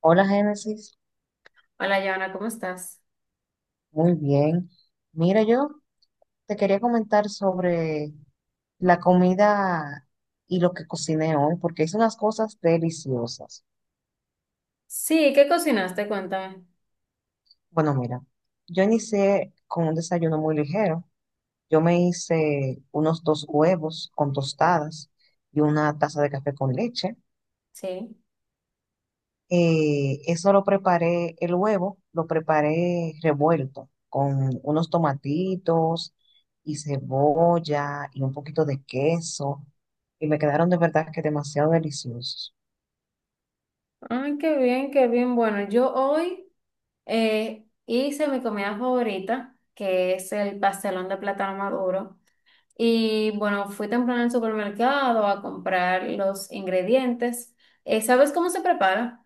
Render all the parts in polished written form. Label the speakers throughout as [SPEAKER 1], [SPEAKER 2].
[SPEAKER 1] Hola Génesis,
[SPEAKER 2] Hola, Joana, ¿cómo estás?
[SPEAKER 1] muy bien. Mira, yo te quería comentar sobre la comida y lo que cociné hoy, porque hice unas cosas deliciosas.
[SPEAKER 2] Sí, ¿qué cocinaste? Cuéntame.
[SPEAKER 1] Bueno, mira, yo inicié con un desayuno muy ligero. Yo me hice unos dos huevos con tostadas y una taza de café con leche.
[SPEAKER 2] Sí.
[SPEAKER 1] Eso lo preparé, el huevo lo preparé revuelto con unos tomatitos y cebolla y un poquito de queso. Y me quedaron de verdad que demasiado deliciosos.
[SPEAKER 2] Ay, qué bien, qué bien. Bueno, yo hoy hice mi comida favorita, que es el pastelón de plátano maduro. Y bueno, fui temprano al supermercado a comprar los ingredientes. ¿Sabes cómo se prepara?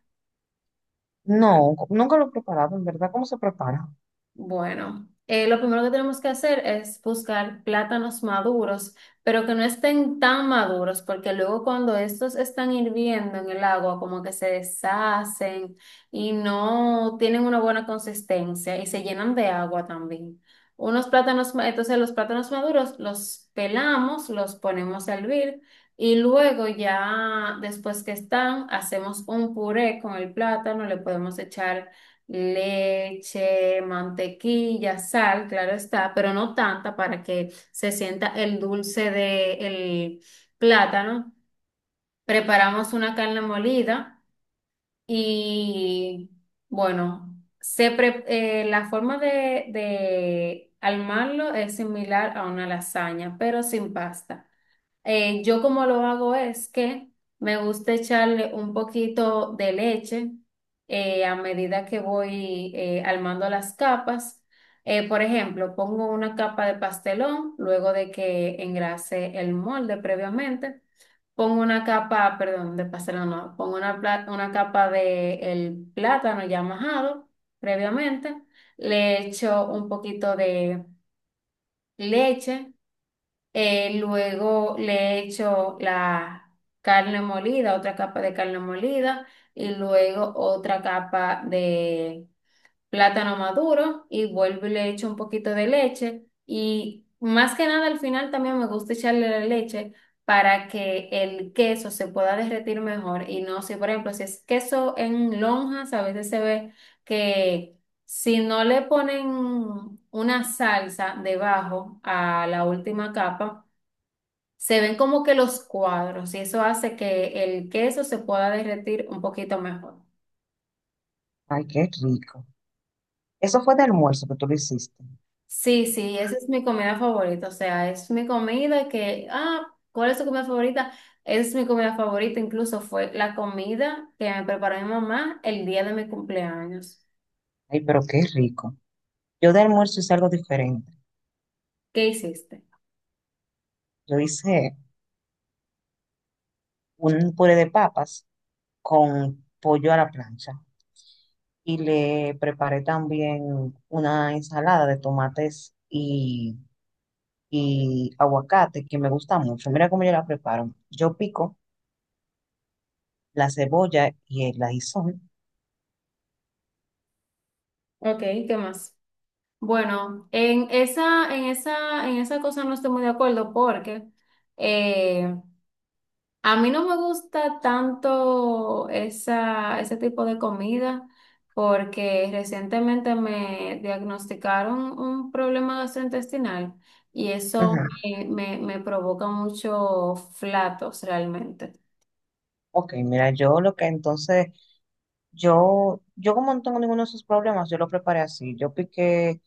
[SPEAKER 1] No, nunca lo he preparado, en verdad, ¿cómo se prepara?
[SPEAKER 2] Bueno, lo primero que tenemos que hacer es buscar plátanos maduros, pero que no estén tan maduros, porque luego cuando estos están hirviendo en el agua, como que se deshacen y no tienen una buena consistencia y se llenan de agua también. Entonces los plátanos maduros los pelamos, los ponemos a hervir y luego ya después que están, hacemos un puré con el plátano, le podemos echar leche, mantequilla, sal, claro está, pero no tanta para que se sienta el dulce del plátano. Preparamos una carne molida y bueno, la forma de armarlo es similar a una lasaña, pero sin pasta. Yo como lo hago es que me gusta echarle un poquito de leche a medida que voy armando las capas. Por ejemplo, pongo una capa de pastelón luego de que engrase el molde previamente. Pongo una capa, perdón, de pastelón no, pongo una capa de el plátano ya majado previamente. Le echo un poquito de leche luego le echo la carne molida, otra capa de carne molida y luego otra capa de plátano maduro y vuelvo y le echo un poquito de leche y más que nada al final también me gusta echarle la leche para que el queso se pueda derretir mejor y no sé, por ejemplo, si es queso en lonjas, a veces se ve que si no le ponen una salsa debajo a la última capa, se ven como que los cuadros y eso hace que el queso se pueda derretir un poquito mejor.
[SPEAKER 1] Ay, qué rico. Eso fue de almuerzo que tú lo hiciste.
[SPEAKER 2] Sí, sí, esa es mi comida favorita, o sea, es mi comida que, ah, ¿cuál es tu comida favorita? Es mi comida favorita, incluso fue la comida que me preparó mi mamá el día de mi cumpleaños.
[SPEAKER 1] Ay, pero qué rico. Yo de almuerzo hice algo diferente.
[SPEAKER 2] ¿Qué hiciste?
[SPEAKER 1] Yo hice un puré de papas con pollo a la plancha, y le preparé también una ensalada de tomates y aguacate que me gusta mucho. Mira cómo yo la preparo. Yo pico la cebolla y el ajísol.
[SPEAKER 2] Ok, ¿qué más? Bueno, en esa cosa no estoy muy de acuerdo porque eh, a mí no me gusta tanto ese tipo de comida porque recientemente me diagnosticaron un problema gastrointestinal y eso
[SPEAKER 1] Ujú.
[SPEAKER 2] me provoca muchos flatos realmente.
[SPEAKER 1] Ok, mira, yo lo que entonces, yo como no tengo ninguno de esos problemas, yo lo preparé así. Yo piqué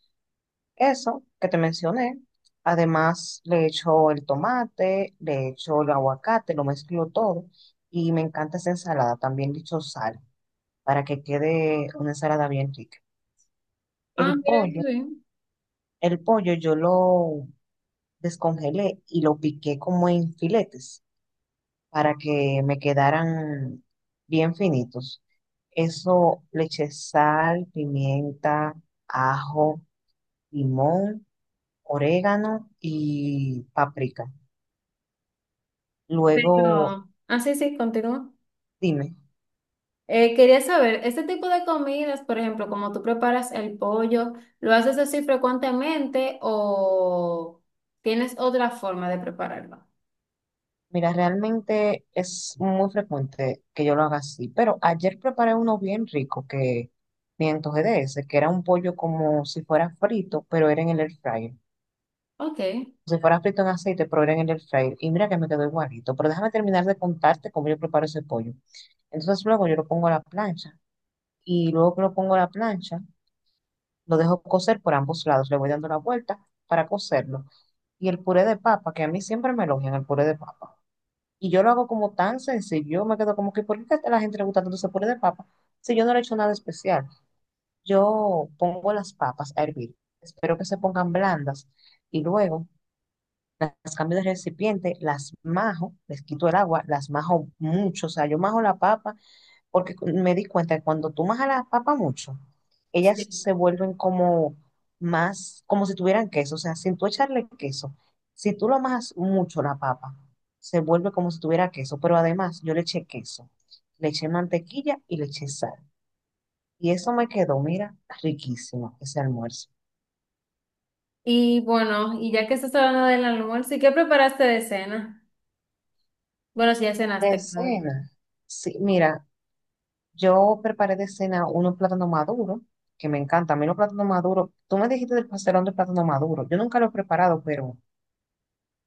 [SPEAKER 1] eso que te mencioné. Además, le echo el tomate, le echo el aguacate, lo mezclo todo. Y me encanta esa ensalada. También le echo sal, para que quede una ensalada bien rica.
[SPEAKER 2] Ah,
[SPEAKER 1] El
[SPEAKER 2] mira qué
[SPEAKER 1] pollo,
[SPEAKER 2] bien.
[SPEAKER 1] el pollo yo lo descongelé y lo piqué como en filetes para que me quedaran bien finitos. Eso le eché sal, pimienta, ajo, limón, orégano y paprika. Luego,
[SPEAKER 2] Pero, ah, sí, sí, continúa.
[SPEAKER 1] dime.
[SPEAKER 2] Quería saber, este tipo de comidas, por ejemplo, como tú preparas el pollo, ¿lo haces así frecuentemente o tienes otra forma de prepararlo?
[SPEAKER 1] Mira, realmente es muy frecuente que yo lo haga así, pero ayer preparé uno bien rico que me antojé de ese, que era un pollo como si fuera frito, pero era en el air fryer.
[SPEAKER 2] Ok.
[SPEAKER 1] Si fuera frito en aceite, pero era en el air fryer. Y mira que me quedó igualito, pero déjame terminar de contarte cómo yo preparo ese pollo. Entonces luego yo lo pongo a la plancha, y luego que lo pongo a la plancha, lo dejo cocer por ambos lados, le voy dando la vuelta para cocerlo. Y el puré de papa, que a mí siempre me elogian el puré de papa. Y yo lo hago como tan sencillo, yo me quedo como que, ¿por qué a la gente le gusta tanto ese puré de papa? Si yo no le he hecho nada especial, yo pongo las papas a hervir, espero que se pongan blandas, y luego las cambio de recipiente, las majo, les quito el agua, las majo mucho, o sea, yo majo la papa porque me di cuenta que cuando tú a las papas mucho, ellas
[SPEAKER 2] Sí.
[SPEAKER 1] se vuelven como más, como si tuvieran queso, o sea, sin tú echarle queso, si tú lo amas mucho la papa, se vuelve como si tuviera queso, pero además yo le eché queso, le eché mantequilla y le eché sal. Y eso me quedó, mira, riquísimo ese almuerzo.
[SPEAKER 2] Y bueno, y ya que estás hablando del almuerzo, ¿y qué preparaste de cena? Bueno, si ya
[SPEAKER 1] De
[SPEAKER 2] cenaste, claro.
[SPEAKER 1] cena, sí, mira, yo preparé de cena unos plátanos maduros, que me encanta. A mí los plátanos maduros, tú me dijiste del pastelón de plátano maduro. Yo nunca lo he preparado, pero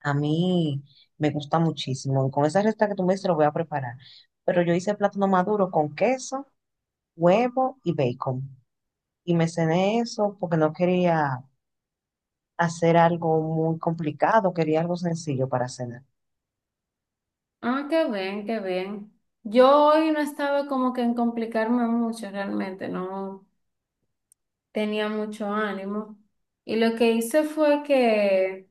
[SPEAKER 1] a mí me gusta muchísimo. Y con esa receta que tú me dices, lo voy a preparar. Pero yo hice plátano maduro con queso, huevo y bacon. Y me cené eso porque no quería hacer algo muy complicado, quería algo sencillo para cenar.
[SPEAKER 2] Ah, qué bien, qué bien. Yo hoy no estaba como que en complicarme mucho realmente, no tenía mucho ánimo. Y lo que hice fue que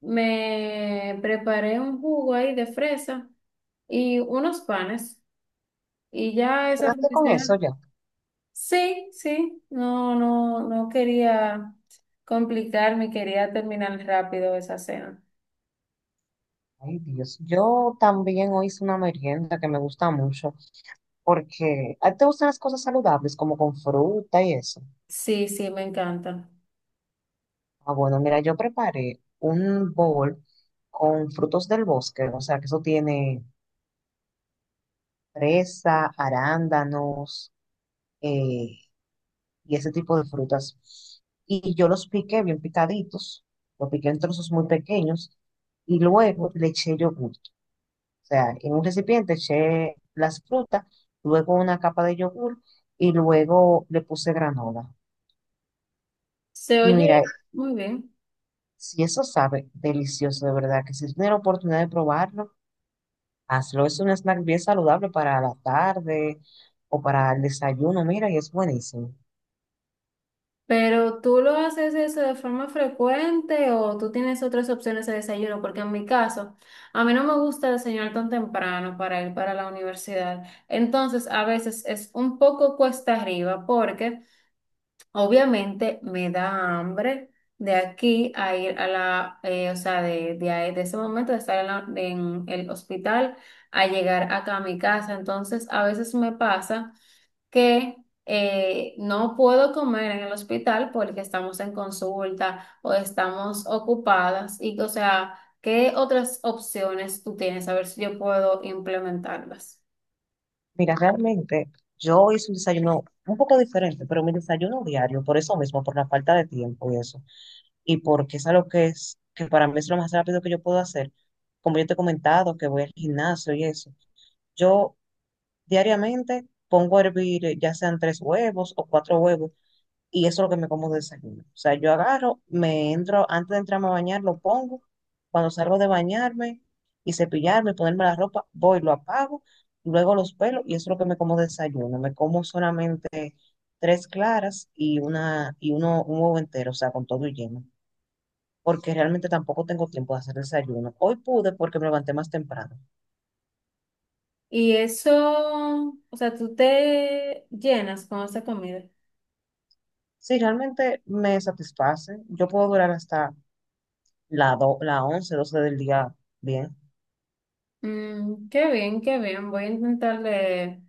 [SPEAKER 2] me preparé un jugo ahí de fresa y unos panes. Y ya esa fue
[SPEAKER 1] ¿Cenaste
[SPEAKER 2] mi
[SPEAKER 1] con eso
[SPEAKER 2] cena.
[SPEAKER 1] ya?
[SPEAKER 2] Sí, sí, no, no, no quería complicarme, quería terminar rápido esa cena.
[SPEAKER 1] Ay, Dios. Yo también hoy hice una merienda que me gusta mucho porque a ti te gustan las cosas saludables, como con fruta y eso.
[SPEAKER 2] Sí, sí, me encanta.
[SPEAKER 1] Ah, bueno, mira, yo preparé un bowl con frutos del bosque, o sea, que eso tiene fresa, arándanos eh, y ese tipo de frutas. Y yo los piqué bien picaditos, los piqué en trozos muy pequeños y luego le eché yogur. O sea, en un recipiente eché las frutas, luego una capa de yogur y luego le puse granola.
[SPEAKER 2] Se
[SPEAKER 1] Y
[SPEAKER 2] oye
[SPEAKER 1] mira,
[SPEAKER 2] muy bien,
[SPEAKER 1] si eso sabe delicioso, de verdad, que si tienes la oportunidad de probarlo, hazlo. Es un snack bien saludable para la tarde o para el desayuno, mira, y es buenísimo.
[SPEAKER 2] pero ¿tú lo haces eso de forma frecuente o tú tienes otras opciones de desayuno? Porque en mi caso, a mí no me gusta desayunar tan temprano para ir para la universidad. Entonces, a veces es un poco cuesta arriba porque obviamente me da hambre de aquí a ir a o sea, de ese momento de estar en, en el hospital a llegar acá a mi casa. Entonces, a veces me pasa que no puedo comer en el hospital porque estamos en consulta o estamos ocupadas. Y, o sea, ¿qué otras opciones tú tienes? A ver si yo puedo implementarlas.
[SPEAKER 1] Mira, realmente yo hice un desayuno un poco diferente, pero mi desayuno diario, por eso mismo, por la falta de tiempo y eso, y porque es algo que es, que para mí es lo más rápido que yo puedo hacer, como yo te he comentado, que voy al gimnasio y eso, yo diariamente pongo a hervir ya sean tres huevos o cuatro huevos, y eso es lo que me como de desayuno. O sea, yo agarro, me entro, antes de entrarme a bañar, lo pongo. Cuando salgo de bañarme y cepillarme, ponerme la ropa, voy, lo apago, luego los pelos y eso es lo que me como de desayuno. Me como solamente tres claras y una y uno un huevo entero, o sea, con todo y lleno, porque realmente tampoco tengo tiempo de hacer desayuno. Hoy pude porque me levanté más temprano.
[SPEAKER 2] Y eso, o sea, tú te llenas con esa comida.
[SPEAKER 1] Si realmente me satisface, yo puedo durar hasta la 11 12 del día bien.
[SPEAKER 2] Mm, qué bien, qué bien. Voy a intentar de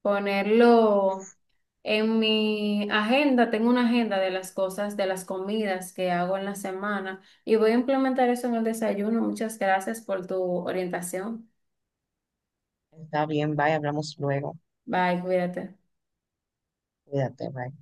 [SPEAKER 2] ponerlo en mi agenda. Tengo una agenda de las cosas, de las comidas que hago en la semana y voy a implementar eso en el desayuno. Muchas gracias por tu orientación.
[SPEAKER 1] Está bien, bye, hablamos luego.
[SPEAKER 2] Bye, cuídate.
[SPEAKER 1] Cuídate, bye.